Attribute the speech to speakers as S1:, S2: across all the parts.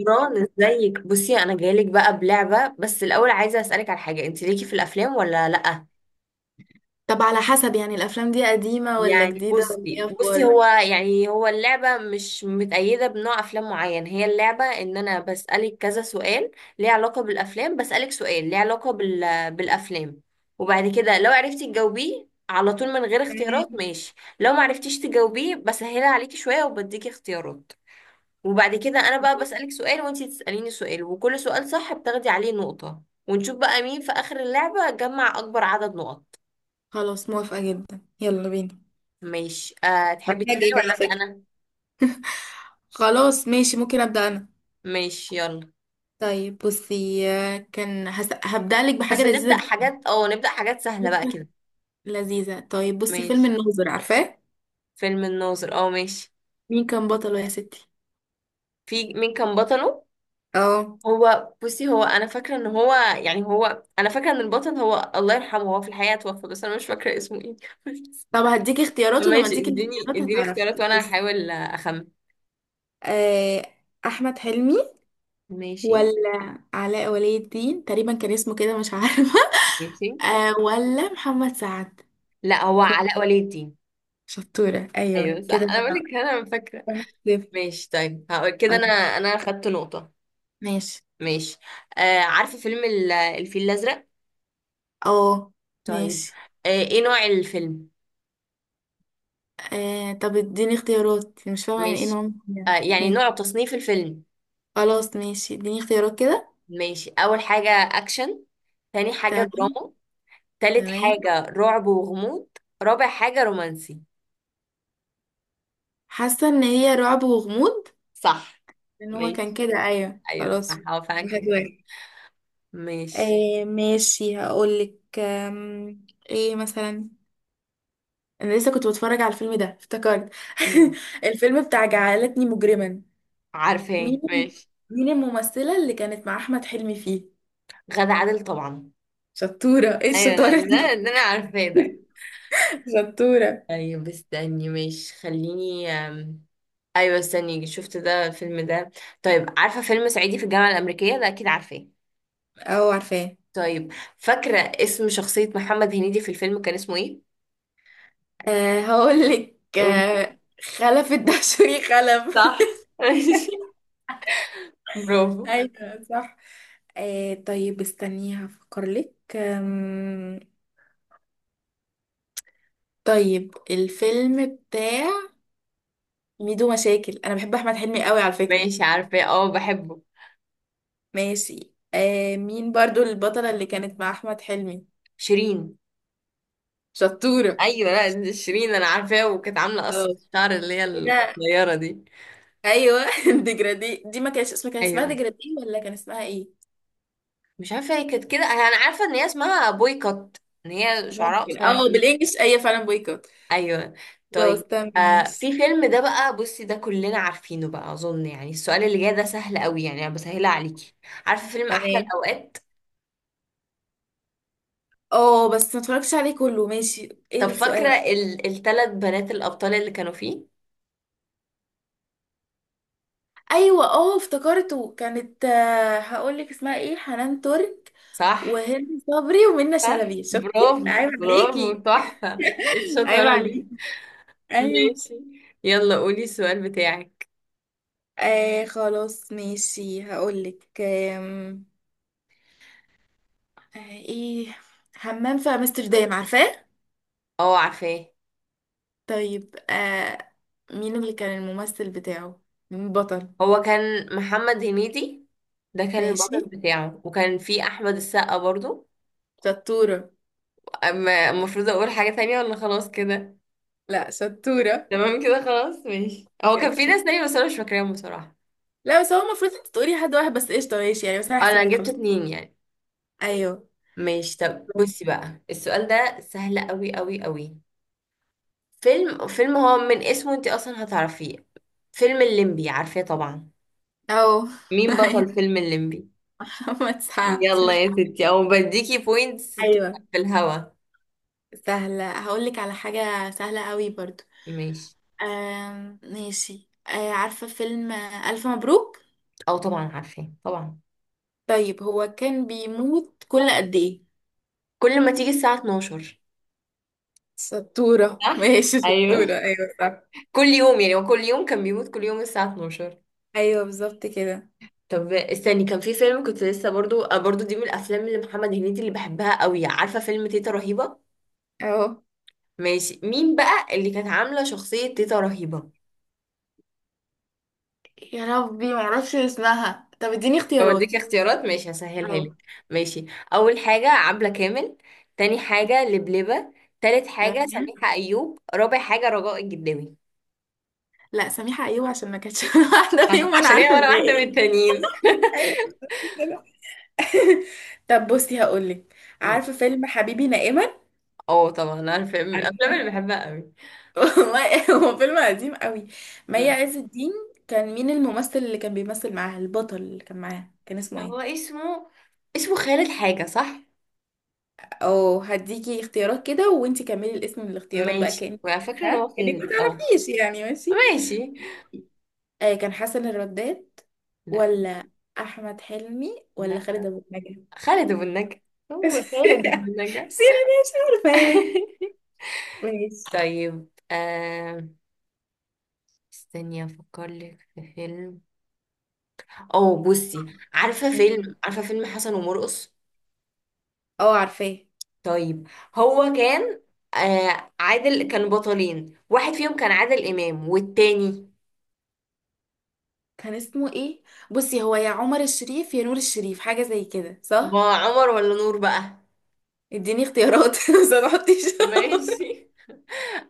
S1: نوران ازيك؟ بصي انا جايلك بقى بلعبه، بس الاول عايزه اسالك على حاجه. انت ليكي في الافلام ولا لا؟
S2: طب على حسب، يعني الافلام دي قديمة ولا
S1: يعني
S2: جديدة ولا
S1: بصي
S2: ايه؟
S1: بصي هو
S2: اخبارك؟
S1: يعني هو اللعبه مش متأيده بنوع افلام معين. هي اللعبه ان انا بسالك كذا سؤال ليه علاقه بالافلام. بسالك سؤال ليه علاقه بالافلام، وبعد كده لو عرفتي تجاوبيه على طول من غير اختيارات،
S2: تمام.
S1: ماشي. لو ما عرفتيش تجاوبيه، بسهلها عليكي شويه وبديكي اختيارات. وبعد كده انا بقى بسألك سؤال وانتي تسأليني سؤال، وكل سؤال صح بتاخدي عليه نقطة، ونشوف بقى مين في آخر اللعبة جمع أكبر عدد نقط.
S2: خلاص، موافقة جدا، يلا بينا.
S1: ماشي. أه تحبي تبدأي
S2: هفاجئك
S1: ولا
S2: على
S1: أبدأ
S2: فكرة.
S1: أنا؟
S2: خلاص ماشي، ممكن ابدا انا؟
S1: ماشي، يلا.
S2: طيب بصي، كان هبدا لك بحاجة
S1: بس
S2: لذيذة
S1: نبدأ
S2: جدا.
S1: حاجات، نبدأ حاجات سهلة بقى
S2: بصي،
S1: كده.
S2: لذيذة. طيب بصي، فيلم
S1: ماشي.
S2: الناظر، عارفاه؟
S1: فيلم الناظر، اه ماشي.
S2: مين كان بطله يا ستي؟
S1: في، مين كان بطله؟
S2: اه.
S1: هو بصي، هو انا فاكره ان هو يعني هو انا فاكره ان البطل هو الله يرحمه، هو في الحقيقه توفى، بس انا مش فاكره اسمه ايه.
S2: طب هديكي اختيارات، ولما
S1: ماشي،
S2: اديكي
S1: اديني
S2: الاختيارات
S1: اديني اختيارات
S2: هتعرفي.
S1: وانا
S2: بصي،
S1: هحاول اخمن.
S2: آه، احمد حلمي،
S1: ماشي.
S2: ولا علاء ولي الدين؟ تقريبا كان اسمه كده، مش عارفة.
S1: ماشي،
S2: ولا محمد سعد؟
S1: لا، هو
S2: كو-
S1: علاء ولي الدين.
S2: شطورة، أيوة
S1: ايوه صح،
S2: كده.
S1: انا بقول لك انا فاكره.
S2: 1-0.
S1: ماشي، طيب هقول كده انا.
S2: خلاص.
S1: انا خدت نقطه.
S2: ماشي.
S1: ماشي. آه، عارفه فيلم الفيل الازرق؟
S2: اه،
S1: طيب.
S2: ماشي.
S1: آه، ايه نوع الفيلم؟
S2: طب اديني اختيارات، مش فاهمة يعني ايه
S1: ماشي.
S2: نوع.
S1: آه،
S2: يعني
S1: يعني
S2: إيه.
S1: نوع تصنيف الفيلم.
S2: خلاص ماشي، اديني اختيارات كده.
S1: ماشي، اول حاجه اكشن، تاني حاجه
S2: تمام.
S1: دراما، تالت
S2: تمام.
S1: حاجه رعب وغموض، رابع حاجه رومانسي.
S2: حاسة ان هي رعب وغموض.
S1: صح.
S2: ان هو كان
S1: ماشي.
S2: كده، ايوه،
S1: ايوه صح،
S2: خلاص.
S1: هو فعلا
S2: واحد
S1: كان كده.
S2: واحد
S1: ماشي.
S2: ماشي، هقولك. ايه مثلا؟ انا لسه كنت بتفرج على الفيلم ده، افتكرت.
S1: مم.
S2: الفيلم بتاع جعلتني مجرما.
S1: عارفه
S2: مين؟
S1: إيه؟ ماشي.
S2: الممثلة اللي كانت مع احمد حلمي فيه؟
S1: غادة عادل طبعا.
S2: شطورة، ايه
S1: ايوه لا،
S2: الشطارة
S1: ده
S2: دي؟
S1: اللي انا عارفاه ده.
S2: شطورة.
S1: طيب استني ماشي، خليني ايوه استني، شفت ده الفيلم ده. طيب، عارفه فيلم صعيدي في الجامعه الامريكيه؟ ده اكيد عارفاه.
S2: اه، عارفاه.
S1: طيب، فاكره اسم شخصيه محمد هنيدي في الفيلم كان اسمه ايه؟
S2: هقول لك.
S1: قولي.
S2: خلف الدهشوري خلف.
S1: صح. ماشي، برافو.
S2: ايوه، صح. طيب استني هفكر لك. طيب الفيلم بتاع ميدو مشاكل، انا بحب احمد حلمي قوي على فكرة.
S1: ماشي، عارفاه، اه بحبه.
S2: ماشي. مين برضو البطلة اللي كانت مع أحمد حلمي؟
S1: شيرين.
S2: شطورة.
S1: ايوه لا، دي شيرين انا عارفاه، وكانت عامله قصه
S2: خلاص
S1: الشعر اللي هي
S2: كده،
S1: القصيره دي.
S2: أيوة. ديجرادي، دي ما كانش اسمها، كان اسمها
S1: ايوه.
S2: ديجرادي ولا كان اسمها ايه؟
S1: مش عارفه هي كانت كده، انا عارفه ان هي اسمها بويكوت، ان هي شعرها
S2: ممكن.
S1: قصير.
S2: اه، بالانجلش ايوه، فعلا بويكوت.
S1: ايوه.
S2: خلاص،
S1: طيب.
S2: تمام،
S1: آه،
S2: ماشي.
S1: في فيلم ده بقى، بصي ده كلنا عارفينه بقى اظن، يعني السؤال اللي جاي ده سهل قوي، يعني انا بسهلها عليكي. عارفه فيلم احلى
S2: تمام.
S1: الاوقات؟
S2: اه، بس ما اتفرجتش عليه كله. ماشي، ايه
S1: طب فاكره
S2: السؤال؟
S1: الثلاث بنات الابطال اللي كانوا فيه؟
S2: ايوه، اه، افتكرته، كانت. هقول لك اسمها ايه، حنان ترك
S1: صح.
S2: وهند صبري ومنى
S1: صح.
S2: شلبي. شفتي؟ لا،
S1: برافو
S2: عيب
S1: برافو،
S2: عليكي.
S1: تحفه، إيه
S2: عيب
S1: الشطاره دي؟
S2: عليكي. ايوه.
S1: ماشي. يلا قولي السؤال بتاعك.
S2: خلاص ماشي، هقولك. ايه. حمام في امستردام، عارفاه؟
S1: اه عارفاه.
S2: طيب. مين اللي كان الممثل بتاعه؟ مين البطل؟
S1: هو كان محمد هنيدي، ده كان
S2: ماشي،
S1: البطل بتاعه، وكان فيه احمد السقا برضو.
S2: شطورة.
S1: المفروض اقول حاجه تانية ولا خلاص كده؟
S2: لا، شطورة
S1: تمام كده خلاص، ماشي. هو كان
S2: بجد.
S1: في ناس تانية بس انا مش فاكراهم بصراحة.
S2: لا بس هو المفروض انت تقولي حد واحد بس، قشطة، ماشي يعني، بس انا هحسب
S1: انا
S2: لك.
S1: جبت
S2: خلاص.
S1: اتنين يعني.
S2: ايوه.
S1: ماشي، طب بصي بقى السؤال ده سهل قوي قوي قوي. فيلم هو من اسمه انت اصلا هتعرفيه. فيلم الليمبي عارفاه طبعا.
S2: او.
S1: مين بطل
S2: ايوه،
S1: فيلم الليمبي؟
S2: محمد سعد، مش
S1: يلا يا
S2: عارفة.
S1: ستي، او بديكي بوينتس كده
S2: ايوه.
S1: في الهوا.
S2: سهلة. هقولك على حاجة سهلة قوي برضو.
S1: ماشي.
S2: ماشي. عارفة فيلم ألف مبروك؟
S1: او طبعا عارفاه طبعا.
S2: طيب، هو كان بيموت كل قد إيه؟
S1: كل ما تيجي الساعة 12.
S2: شطورة.
S1: صح.
S2: ماشي، شطورة،
S1: ايوه،
S2: أيوة صح.
S1: كل يوم، يعني هو كل يوم كان بيموت، كل يوم الساعة 12.
S2: أيوة بالظبط كده.
S1: طب استني، كان في فيلم كنت لسه برضو برضو دي من الافلام اللي محمد هنيدي اللي بحبها قوي. عارفه فيلم تيتا رهيبه؟
S2: أهو.
S1: ماشي. مين بقى اللي كانت عامله شخصيه تيتا رهيبه؟
S2: يا ربي، معرفش اسمها. طب اديني
S1: اوديك
S2: اختيارات.
S1: اختيارات، ماشي هسهلها
S2: أهو.
S1: لك. ماشي. اول حاجه عبله كامل، تاني حاجه لبلبه، تالت حاجه
S2: تمام.
S1: سميحه ايوب، رابع حاجه رجاء الجداوي.
S2: لا، سميحة. أيوة، عشان ما كانتش واحدة فيهم وأنا
S1: عشان هي
S2: عارفة
S1: ولا واحده من
S2: الباقي.
S1: التانيين.
S2: أيوة كده. طب بصي هقولك،
S1: م.
S2: عارفة فيلم حبيبي نائما؟
S1: اه طبعا، انا فيلم من الافلام
S2: عارفة.
S1: اللي بحبها قوي.
S2: والله هو فيلم قديم قوي. مي
S1: م.
S2: عز الدين، كان مين الممثل اللي كان بيمثل معاها؟ البطل اللي كان معاها كان اسمه
S1: هو
S2: ايه؟
S1: اسمه، اسمه خالد حاجه، صح؟
S2: او، هديكي اختيارات كده وانتي كملي الاسم من الاختيارات بقى
S1: ماشي،
S2: كأنك.
S1: وعلى فكره ان
S2: ها،
S1: هو
S2: كأنك ما
S1: خالد اه.
S2: تعرفيش يعني، ماشي.
S1: ماشي.
S2: كان حسن الرداد؟
S1: لا.
S2: ولا احمد حلمي، ولا
S1: لا،
S2: خالد ابو النجا؟
S1: خالد أبو النجا، هو
S2: بس
S1: خالد أبو
S2: يعني
S1: النجا.
S2: مش عارفه يعني. ماشي.
S1: طيب استني افكر لك في فيلم. او بصي،
S2: م-م.
S1: عارفه فيلم حسن ومرقص؟
S2: اه، عارفاه.
S1: طيب. هو كان، آه عادل، كانوا بطلين، واحد فيهم كان عادل امام، والتاني؟
S2: كان اسمه ايه؟ بصي، هو يا عمر الشريف يا نور الشريف، حاجه زي كده
S1: ما
S2: صح.
S1: عمر ولا نور بقى.
S2: اديني اختيارات. بس ما تحطيش.
S1: ماشي،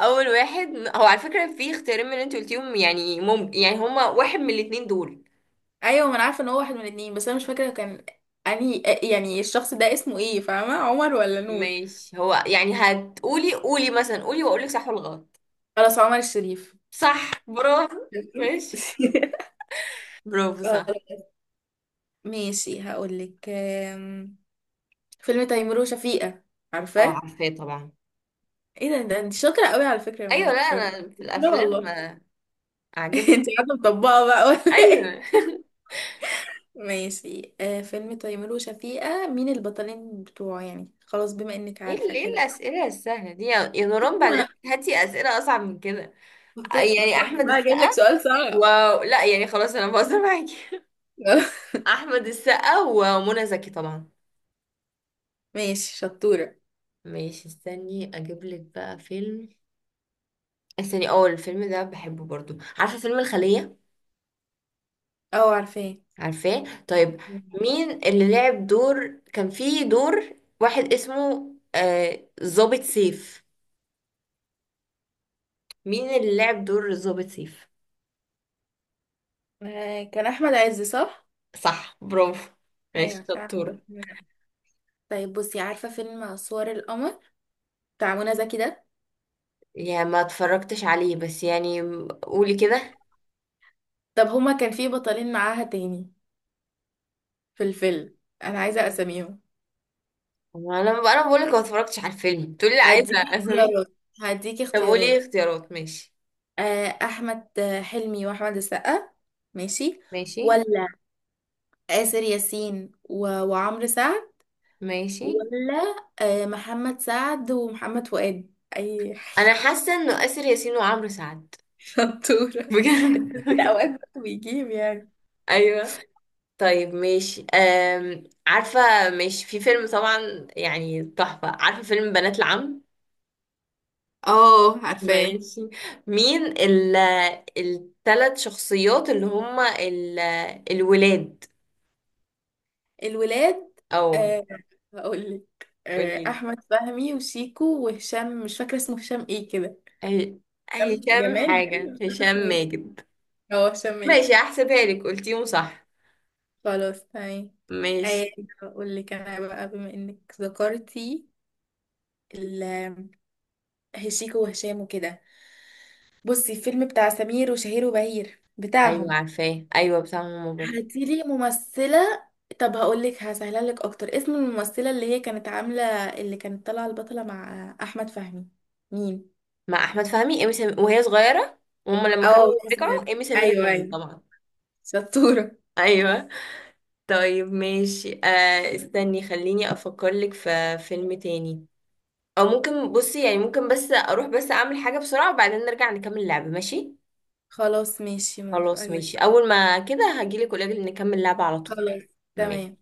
S1: اول واحد، هو على فكره في اختيارين من اللي انت قلتيهم، يعني ممكن، يعني هما واحد من الاتنين دول.
S2: ايوه، ما انا عارفه ان هو واحد من الاتنين، بس انا مش فاكره كان انهي، يعني الشخص ده اسمه ايه، فاهمه؟ عمر ولا نور؟
S1: ماشي، هو يعني هتقولي، قولي مثلا، قولي واقولك صح ولا غلط.
S2: خلاص، عمر الشريف.
S1: صح، برافو. ماشي، برافو
S2: خلاص.
S1: صح.
S2: ماشي، هقولك. فيلم تيمور وشفيقة،
S1: اه
S2: عارفاه؟
S1: عارفاه طبعا.
S2: ايه ده، ده انت شاطره قوي على فكره يا
S1: ايوه لا،
S2: منور.
S1: انا في
S2: لا
S1: الافلام
S2: والله.
S1: اعجبك.
S2: انت قاعده مطبقه بقى ولا ايه؟
S1: ايوه.
S2: ماشي. فيلم تيمور وشفيقة، مين البطلين بتوعه؟ يعني خلاص، بما انك
S1: ايه
S2: عارفه
S1: ايه
S2: كده.
S1: الاسئله السهله دي يا نوران؟ بعد اذنك هاتي اسئله اصعب من كده.
S2: ما
S1: يعني
S2: تخليني
S1: احمد
S2: بقى اجيب لك
S1: السقا
S2: سؤال
S1: و،
S2: صعب.
S1: لا يعني خلاص انا بهزر معاكي. احمد السقا ومنى زكي طبعا.
S2: ماشي، شطورة.
S1: ماشي، استني اجيب لك بقى فيلم. استني، اه الفيلم ده بحبه برضو. عارفه فيلم الخليه؟
S2: اه عارفاه.
S1: عارفاه؟ طيب، مين اللي لعب دور، كان في دور واحد اسمه ظابط سيف، مين اللي لعب دور ظابط سيف؟
S2: كان احمد عز، صح؟
S1: صح، برافو. ماشي
S2: ايوه صح.
S1: شطورة.
S2: طيب بصي، عارفة فيلم صور القمر، بتاع منى زكي ده؟
S1: يا ما اتفرجتش عليه، بس يعني قولي كده.
S2: طب هما كان في بطلين معاها تاني في الفيلم، انا عايزة اساميهم.
S1: ما انا، بقول لك ما اتفرجتش على الفيلم تقولي لي عايزه
S2: هديكي
S1: اساميها.
S2: اختيارات. هديكي
S1: طب قولي
S2: اختيارات.
S1: اختيارات، ماشي.
S2: احمد حلمي واحمد السقا؟ ماشي.
S1: ماشي.
S2: ولا آسر ياسين و... وعمرو سعد؟
S1: ماشي،
S2: ولا محمد سعد ومحمد فؤاد، اي؟
S1: انا حاسه انه اسر ياسين وعمرو سعد.
S2: شطورة.
S1: بجد.
S2: لا، اوقات برضه بيجيب يعني.
S1: ايوه. طيب ماشي عارفة. ماشي، في فيلم طبعا يعني تحفة، عارفة فيلم بنات العم؟
S2: اه، عارفاه.
S1: ماشي. مين التلات شخصيات اللي هما الولاد؟
S2: الولاد؟
S1: أو.
S2: أه هقول لك.
S1: قوليلي.
S2: احمد فهمي وشيكو وهشام، مش فاكره اسمه هشام ايه كده.
S1: ه-
S2: هشام
S1: هشام
S2: جمال، بس
S1: حاجة،
S2: مش فاكره
S1: هشام
S2: اسمه ايه،
S1: ماجد.
S2: هو هشام ايه؟
S1: ماشي، هحسبها لك، قلتيهم صح.
S2: خلاص، تمام.
S1: ماشي.
S2: أه هقول لك انا بقى، بما انك ذكرتي ال- شيكو وهشام وكده، بصي الفيلم بتاع سمير وشهير وبهير
S1: أيوة
S2: بتاعهم.
S1: عارفاه، أيوة بتاع ماما برضه.
S2: هاتيلي ممثلة. طب هقولك، هسهلها لك اكتر. اسم الممثلة اللي هي كانت عاملة، اللي كانت طالعة البطلة مع احمد فهمي، مين؟
S1: مع أحمد فهمي إيمي سمير وهي صغيرة، وهما لما
S2: اه،
S1: كانوا
S2: مصر.
S1: رجعوا إيمي سمير
S2: ايوه،
S1: غانم
S2: ايوه،
S1: طبعا.
S2: شطورة.
S1: أيوة. طيب ماشي، آه استني خليني افكر لك في فيلم تاني. او ممكن بصي، يعني ممكن بس اروح بس اعمل حاجة بسرعة، وبعدين نرجع نكمل اللعبة، ماشي؟
S2: خلاص، ماشي، موافقة
S1: خلاص ماشي،
S2: جدا.
S1: اول ما كده هجيلك قولك نكمل اللعبة على طول.
S2: خلاص،
S1: ماشي.
S2: تمام.